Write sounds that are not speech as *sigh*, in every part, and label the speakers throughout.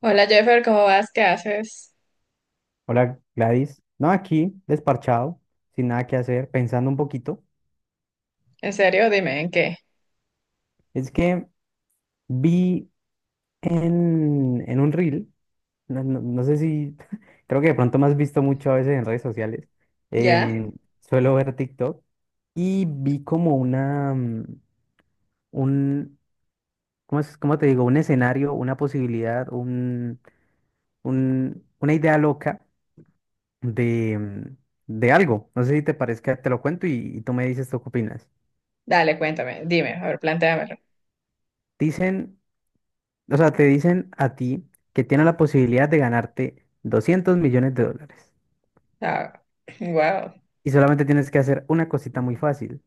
Speaker 1: Hola Jeffer, ¿cómo vas? ¿Qué haces?
Speaker 2: Hola Gladys. No, aquí desparchado, sin nada que hacer, pensando un poquito.
Speaker 1: ¿En serio? Dime, ¿en qué?
Speaker 2: Es que vi en un reel, no, no sé si, *laughs* creo que de pronto me has visto mucho a veces en redes sociales.
Speaker 1: ¿Ya?
Speaker 2: em, Suelo ver TikTok y vi como un, ¿cómo te digo? Un escenario, una posibilidad, una idea loca de, mm, de algo. No sé si te parezca, te lo cuento y tú me dices tú qué opinas.
Speaker 1: Dale, cuéntame, dime, a ver, plantéamelo.
Speaker 2: Dicen O sea, te dicen a ti que tienes la posibilidad de ganarte $200 millones.
Speaker 1: Ah, wow.
Speaker 2: Y solamente tienes que hacer una cosita muy fácil.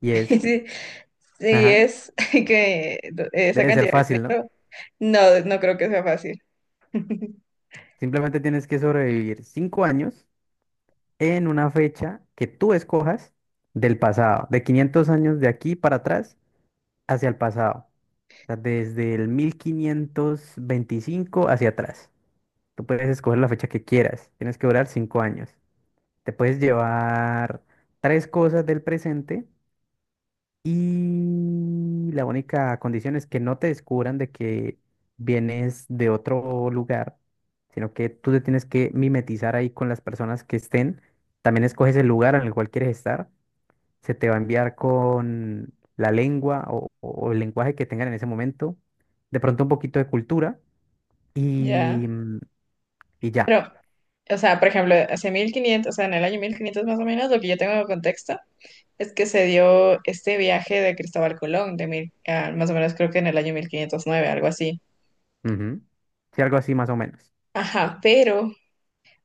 Speaker 2: Y es,
Speaker 1: Sí, sí,
Speaker 2: ajá,
Speaker 1: es *laughs* que esa
Speaker 2: debe ser
Speaker 1: cantidad de
Speaker 2: fácil, ¿no?
Speaker 1: dinero, no, no creo que sea fácil. *laughs*
Speaker 2: Simplemente tienes que sobrevivir 5 años en una fecha que tú escojas del pasado, de 500 años de aquí para atrás hacia el pasado. O sea, desde el 1525 hacia atrás. Tú puedes escoger la fecha que quieras. Tienes que durar 5 años. Te puedes llevar tres cosas del presente. Y la única condición es que no te descubran de que vienes de otro lugar, sino que tú te tienes que mimetizar ahí con las personas que estén. También escoges el lugar en el cual quieres estar. Se te va a enviar con la lengua o el lenguaje que tengan en ese momento. De pronto un poquito de cultura y,
Speaker 1: Ya.
Speaker 2: y ya.
Speaker 1: Pero, o sea, por ejemplo, hace 1500, o sea, en el año 1500 más o menos, lo que yo tengo de contexto es que se dio este viaje de Cristóbal Colón, más o menos creo que en el año 1509, algo así.
Speaker 2: Ujú. Sí, algo así más o menos.
Speaker 1: Ajá, pero,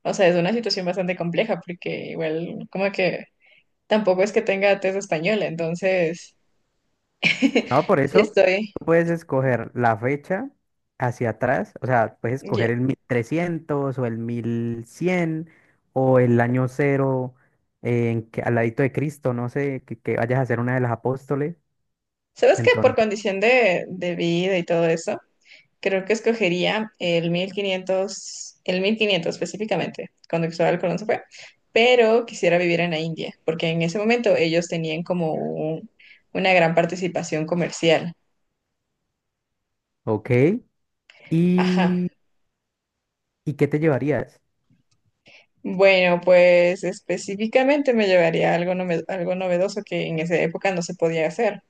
Speaker 1: o sea, es una situación bastante compleja porque igual como que tampoco es que tenga tez española, entonces
Speaker 2: No, por
Speaker 1: *laughs* sí
Speaker 2: eso
Speaker 1: estoy.
Speaker 2: tú puedes escoger la fecha hacia atrás, o sea, puedes escoger
Speaker 1: ye-
Speaker 2: el 1300 o el 1100 o el año 0, en que, al ladito de Cristo, no sé, que vayas a ser una de las apóstoles.
Speaker 1: ¿Sabes qué? Por
Speaker 2: Entonces,
Speaker 1: condición de vida y todo eso, creo que escogería el mil quinientos específicamente, cuando Cristóbal Colón se fue, pero quisiera vivir en la India, porque en ese momento ellos tenían como una gran participación comercial.
Speaker 2: ok. ¿Y,
Speaker 1: Ajá.
Speaker 2: y qué te llevarías?
Speaker 1: Bueno, pues específicamente me llevaría algo novedoso que en esa época no se podía hacer.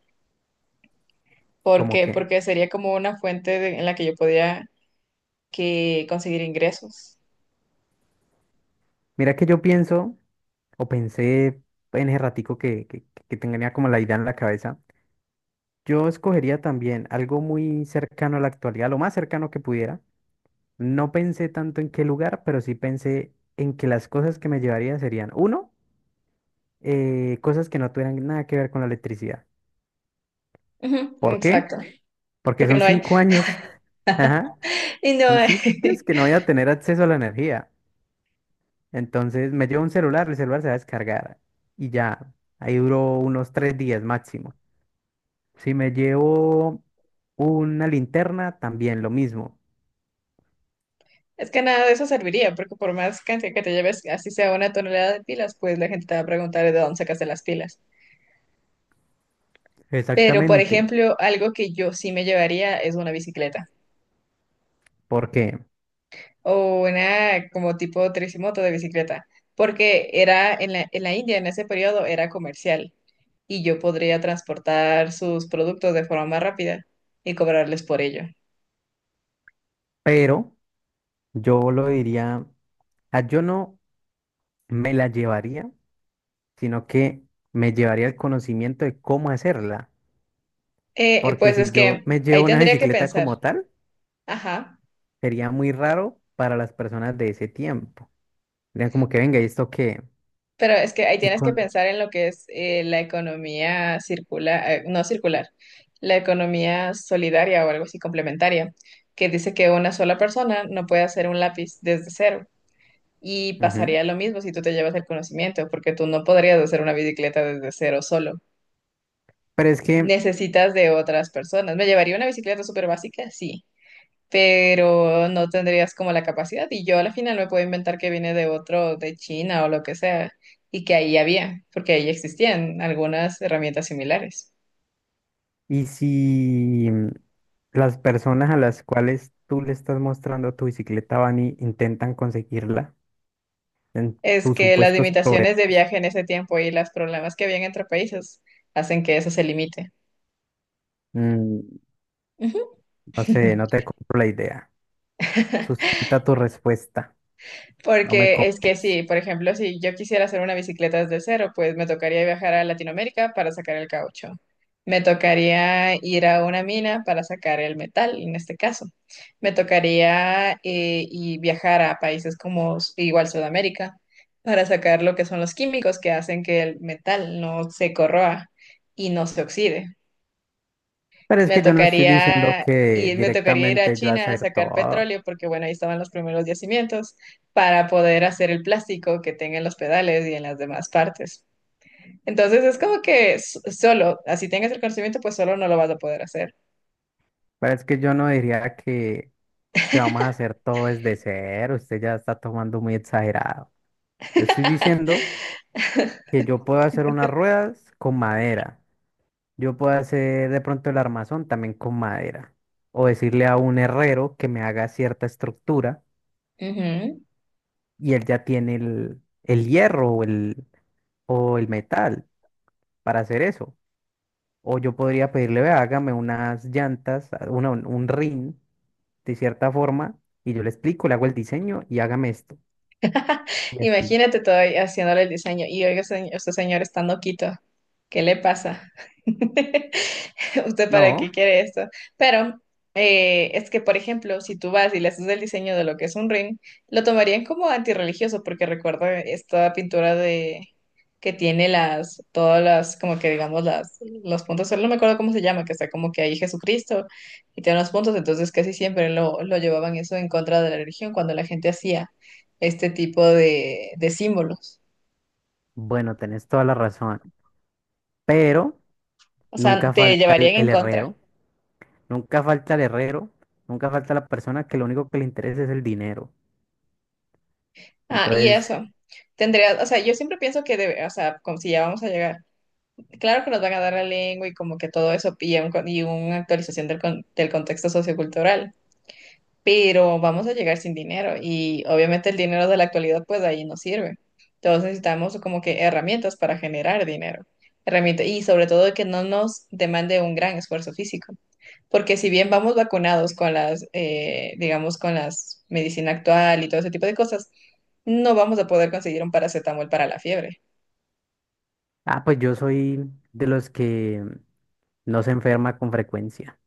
Speaker 1: ¿Por
Speaker 2: Como
Speaker 1: qué?
Speaker 2: que,
Speaker 1: Porque sería como una fuente en la que yo podía que conseguir ingresos.
Speaker 2: mira que yo pienso, o pensé en ese ratico que tenía como la idea en la cabeza, yo escogería también algo muy cercano a la actualidad, lo más cercano que pudiera. No pensé tanto en qué lugar, pero sí pensé en que las cosas que me llevaría serían, uno, cosas que no tuvieran nada que ver con la electricidad.
Speaker 1: Ujú,
Speaker 2: ¿Por qué?
Speaker 1: exacto,
Speaker 2: Porque
Speaker 1: porque
Speaker 2: son
Speaker 1: no hay.
Speaker 2: 5 años. *laughs* Ajá.
Speaker 1: Y no,
Speaker 2: Son cinco años que
Speaker 1: *laughs*
Speaker 2: no voy a tener acceso a la energía. Entonces me llevo un celular, el celular se va a descargar y ya. Ahí duró unos 3 días máximo. Si me llevo una linterna, también lo mismo.
Speaker 1: es que nada de eso serviría, porque por más cantidad que te lleves, así sea una tonelada de pilas, pues la gente te va a preguntar de dónde sacaste las pilas. Pero, por
Speaker 2: Exactamente.
Speaker 1: ejemplo, algo que yo sí me llevaría es una bicicleta,
Speaker 2: ¿Por qué?
Speaker 1: o una como tipo tricimoto de bicicleta, porque era en la India en ese periodo era comercial y yo podría transportar sus productos de forma más rápida y cobrarles por ello.
Speaker 2: Pero yo lo diría, ah, yo no me la llevaría, sino que me llevaría el conocimiento de cómo hacerla. Porque
Speaker 1: Pues es
Speaker 2: si yo
Speaker 1: que
Speaker 2: me
Speaker 1: ahí
Speaker 2: llevo una *laughs*
Speaker 1: tendría que
Speaker 2: bicicleta
Speaker 1: pensar,
Speaker 2: como tal,
Speaker 1: ajá,
Speaker 2: sería muy raro para las personas de ese tiempo. Serían como que venga, ¿y esto qué?
Speaker 1: pero es que ahí
Speaker 2: Y
Speaker 1: tienes que
Speaker 2: con...
Speaker 1: pensar en lo que es la economía circular, no circular, la economía solidaria o algo así complementaria, que dice que una sola persona no puede hacer un lápiz desde cero. Y
Speaker 2: Ujú.
Speaker 1: pasaría lo mismo si tú te llevas el conocimiento, porque tú no podrías hacer una bicicleta desde cero solo.
Speaker 2: Pero es que,
Speaker 1: Necesitas de otras personas. Me llevaría una bicicleta súper básica, sí, pero no tendrías como la capacidad. Y yo a la final me puedo inventar que viene de otro, de China o lo que sea, y que ahí había, porque ahí existían algunas herramientas similares.
Speaker 2: ¿Y si las personas a las cuales tú le estás mostrando tu bicicleta van y intentan conseguirla en
Speaker 1: Es
Speaker 2: tus
Speaker 1: que las
Speaker 2: supuestos proveedores?
Speaker 1: limitaciones de viaje en ese tiempo y los problemas que habían entre países hacen que eso se limite.
Speaker 2: Mm,
Speaker 1: Ujú.
Speaker 2: no sé, no te
Speaker 1: *laughs*
Speaker 2: compro la idea. Sustenta tu respuesta. No me
Speaker 1: Porque es que
Speaker 2: convence.
Speaker 1: sí, por ejemplo, si yo quisiera hacer una bicicleta desde cero, pues me tocaría viajar a Latinoamérica para sacar el caucho. Me tocaría ir a una mina para sacar el metal, en este caso. Me tocaría y viajar a países como igual Sudamérica para sacar lo que son los químicos que hacen que el metal no se corroa y no se oxide.
Speaker 2: Pero es
Speaker 1: Me
Speaker 2: que yo no estoy diciendo
Speaker 1: tocaría
Speaker 2: que
Speaker 1: me tocaría ir a
Speaker 2: directamente yo
Speaker 1: China a
Speaker 2: hacer
Speaker 1: sacar
Speaker 2: todo.
Speaker 1: petróleo porque bueno, ahí estaban los primeros yacimientos para poder hacer el plástico que tenga en los pedales y en las demás partes. Entonces es como que solo, así tengas el conocimiento, pues solo no lo vas a poder hacer.
Speaker 2: Pero es que yo no diría que vamos a hacer todo desde cero. Usted ya está tomando muy exagerado. Yo estoy diciendo que yo puedo hacer unas ruedas con madera. Yo puedo hacer de pronto el armazón también con madera. O decirle a un herrero que me haga cierta estructura
Speaker 1: Ujú.
Speaker 2: y él ya tiene el hierro o el metal para hacer eso. O yo podría pedirle, vea, hágame unas llantas, a- una, un rin de cierta forma, y yo le explico, le hago el diseño y hágame esto.
Speaker 1: *laughs*
Speaker 2: Y así.
Speaker 1: Imagínate todo ahí haciéndole el diseño y oiga, señor, este señor está noquito. ¿Qué le pasa? *laughs* *laughs* ¿Usted para qué
Speaker 2: No,
Speaker 1: quiere esto? Pero es que, por ejemplo, si tú vas y le haces el diseño de lo que es un ring, lo tomarían como antirreligioso, porque recuerda esta pintura de que tiene todas las, como que digamos, las, los puntos, solo no me acuerdo cómo se llama, que está como que ahí Jesucristo y tiene los puntos, entonces casi siempre lo llevaban eso en contra de la religión cuando la gente hacía este tipo de símbolos.
Speaker 2: bueno, tenés toda la razón. Pero
Speaker 1: O
Speaker 2: nunca
Speaker 1: sea, te
Speaker 2: falta el,
Speaker 1: llevarían en
Speaker 2: el
Speaker 1: contra.
Speaker 2: herrero, nunca falta el herrero, nunca falta la persona que lo único que le interesa es el dinero.
Speaker 1: Ah, y
Speaker 2: Entonces,
Speaker 1: eso. Tendría, o sea, yo siempre pienso que, o sea, como si ya vamos a llegar, claro que nos van a dar la lengua y como que todo eso y, una actualización del contexto sociocultural, pero vamos a llegar sin dinero y obviamente el dinero de la actualidad pues de ahí no sirve. Entonces necesitamos como que herramientas para generar dinero, herramientas y sobre todo que no nos demande un gran esfuerzo físico. Porque si bien vamos vacunados con las, digamos, con las medicina actual y todo ese tipo de cosas, no vamos a poder conseguir un paracetamol para la fiebre.
Speaker 2: ah, pues yo soy de los que no se enferma con frecuencia.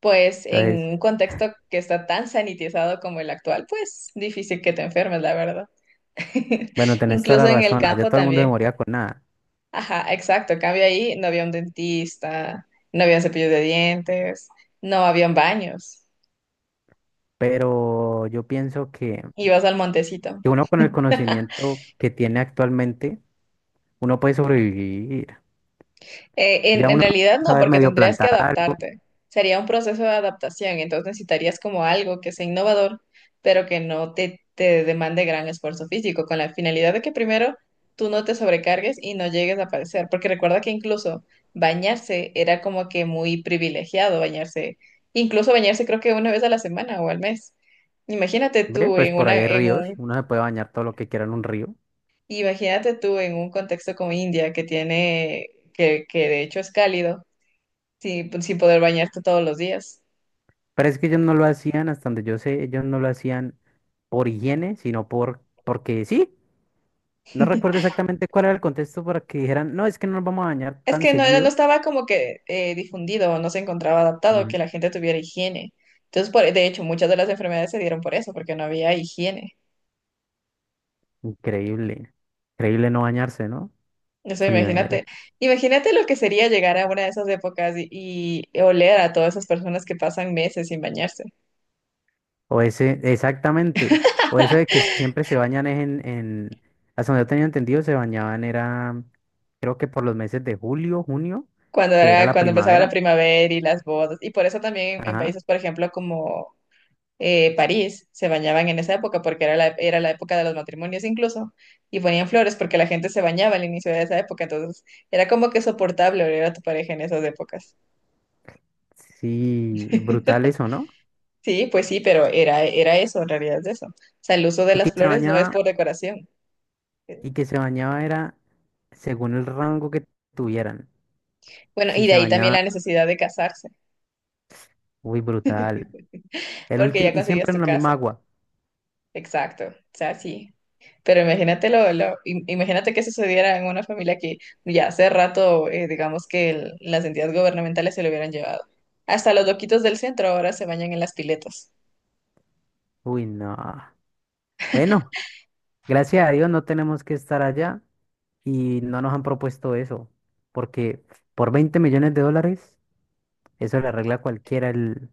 Speaker 1: Pues en
Speaker 2: Entonces,
Speaker 1: un contexto que está tan sanitizado como el actual, pues difícil que te enfermes, la verdad.
Speaker 2: bueno,
Speaker 1: *laughs*
Speaker 2: tenés toda la
Speaker 1: Incluso en el
Speaker 2: razón. Allá
Speaker 1: campo
Speaker 2: todo el mundo se
Speaker 1: también.
Speaker 2: moría con nada.
Speaker 1: Ajá, exacto. En cambio ahí, no había un dentista, no había cepillos de dientes, no habían baños.
Speaker 2: Pero yo pienso que.
Speaker 1: Ibas al montecito.
Speaker 2: que uno con el
Speaker 1: *laughs*
Speaker 2: conocimiento que tiene actualmente, uno puede sobrevivir.
Speaker 1: Eh,
Speaker 2: Ya
Speaker 1: en, en
Speaker 2: uno
Speaker 1: realidad no,
Speaker 2: sabe
Speaker 1: porque
Speaker 2: medio
Speaker 1: tendrías que
Speaker 2: plantar algo,
Speaker 1: adaptarte. Sería un proceso de adaptación, entonces necesitarías como algo que sea innovador, pero que no te demande gran esfuerzo físico, con la finalidad de que primero tú no te sobrecargues y no llegues a padecer, porque recuerda que incluso bañarse era como que muy privilegiado bañarse, incluso bañarse creo que una vez a la semana o al mes. Imagínate
Speaker 2: ¿ve?
Speaker 1: tú
Speaker 2: Pues
Speaker 1: en
Speaker 2: por ahí
Speaker 1: una,
Speaker 2: hay
Speaker 1: en
Speaker 2: ríos,
Speaker 1: un,
Speaker 2: uno se puede bañar todo lo que quiera en un río.
Speaker 1: imagínate tú en un contexto como India que tiene, que de hecho es cálido. Sí, pues, sin poder bañarte todos los días.
Speaker 2: Pero es que ellos no lo hacían, hasta donde yo sé, ellos no lo hacían por higiene, sino porque sí. No recuerdo exactamente cuál era el contexto para que dijeran, no, es que no nos vamos a bañar
Speaker 1: Es
Speaker 2: tan
Speaker 1: que no, no
Speaker 2: seguido.
Speaker 1: estaba como que difundido, no se encontraba adaptado
Speaker 2: Ujú.
Speaker 1: que la gente tuviera higiene. Entonces, de hecho, muchas de las enfermedades se dieron por eso, porque no había higiene.
Speaker 2: Increíble, increíble no bañarse, ¿no?
Speaker 1: Eso,
Speaker 2: Mucho nivel.
Speaker 1: imagínate lo que sería llegar a una de esas épocas y oler a todas esas personas que pasan meses sin bañarse.
Speaker 2: O ese, exactamente. O eso de que siempre se bañan es hasta donde yo tenía entendido, se bañaban, era, creo que por los meses de julio, junio,
Speaker 1: Cuando
Speaker 2: que era
Speaker 1: era,
Speaker 2: la
Speaker 1: cuando empezaba la
Speaker 2: primavera.
Speaker 1: primavera y las bodas. Y por eso también en
Speaker 2: Ajá.
Speaker 1: países, por ejemplo, como París se bañaban en esa época porque era la época de los matrimonios incluso, y ponían flores porque la gente se bañaba al inicio de esa época, entonces era como que soportable oler a tu pareja en esas épocas.
Speaker 2: Sí, brutal
Speaker 1: *laughs*
Speaker 2: eso, ¿no?
Speaker 1: Sí, pues sí, pero era eso, en realidad es eso. O sea, el uso de
Speaker 2: Y
Speaker 1: las
Speaker 2: que se
Speaker 1: flores no es
Speaker 2: bañaba,
Speaker 1: por decoración.
Speaker 2: y que se bañaba era según el rango que tuvieran.
Speaker 1: Bueno,
Speaker 2: Si
Speaker 1: y de
Speaker 2: se
Speaker 1: ahí también
Speaker 2: bañaba,
Speaker 1: la necesidad de casarse,
Speaker 2: uy, brutal.
Speaker 1: *laughs*
Speaker 2: El
Speaker 1: porque
Speaker 2: último,
Speaker 1: ya
Speaker 2: y
Speaker 1: conseguías
Speaker 2: siempre
Speaker 1: tu
Speaker 2: en la misma
Speaker 1: casa.
Speaker 2: agua.
Speaker 1: Exacto, o sea, sí. Pero imagínate, imagínate que sucediera en una familia que ya hace rato, digamos que las entidades gubernamentales se lo hubieran llevado. Hasta los loquitos del centro ahora se bañan en las piletas.
Speaker 2: Uy, no. Bueno, gracias a Dios no tenemos que estar allá. Y no nos han propuesto eso, porque por $20 millones, eso le arregla a cualquiera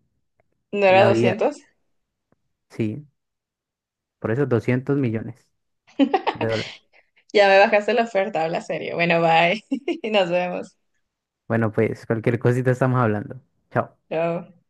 Speaker 1: ¿No era
Speaker 2: la vida,
Speaker 1: 200?
Speaker 2: sí, por eso $200 millones.
Speaker 1: Ya me bajaste la oferta, habla serio. Bueno, bye. *laughs* Nos vemos.
Speaker 2: Bueno, pues cualquier cosita estamos hablando. Chao.
Speaker 1: Chao.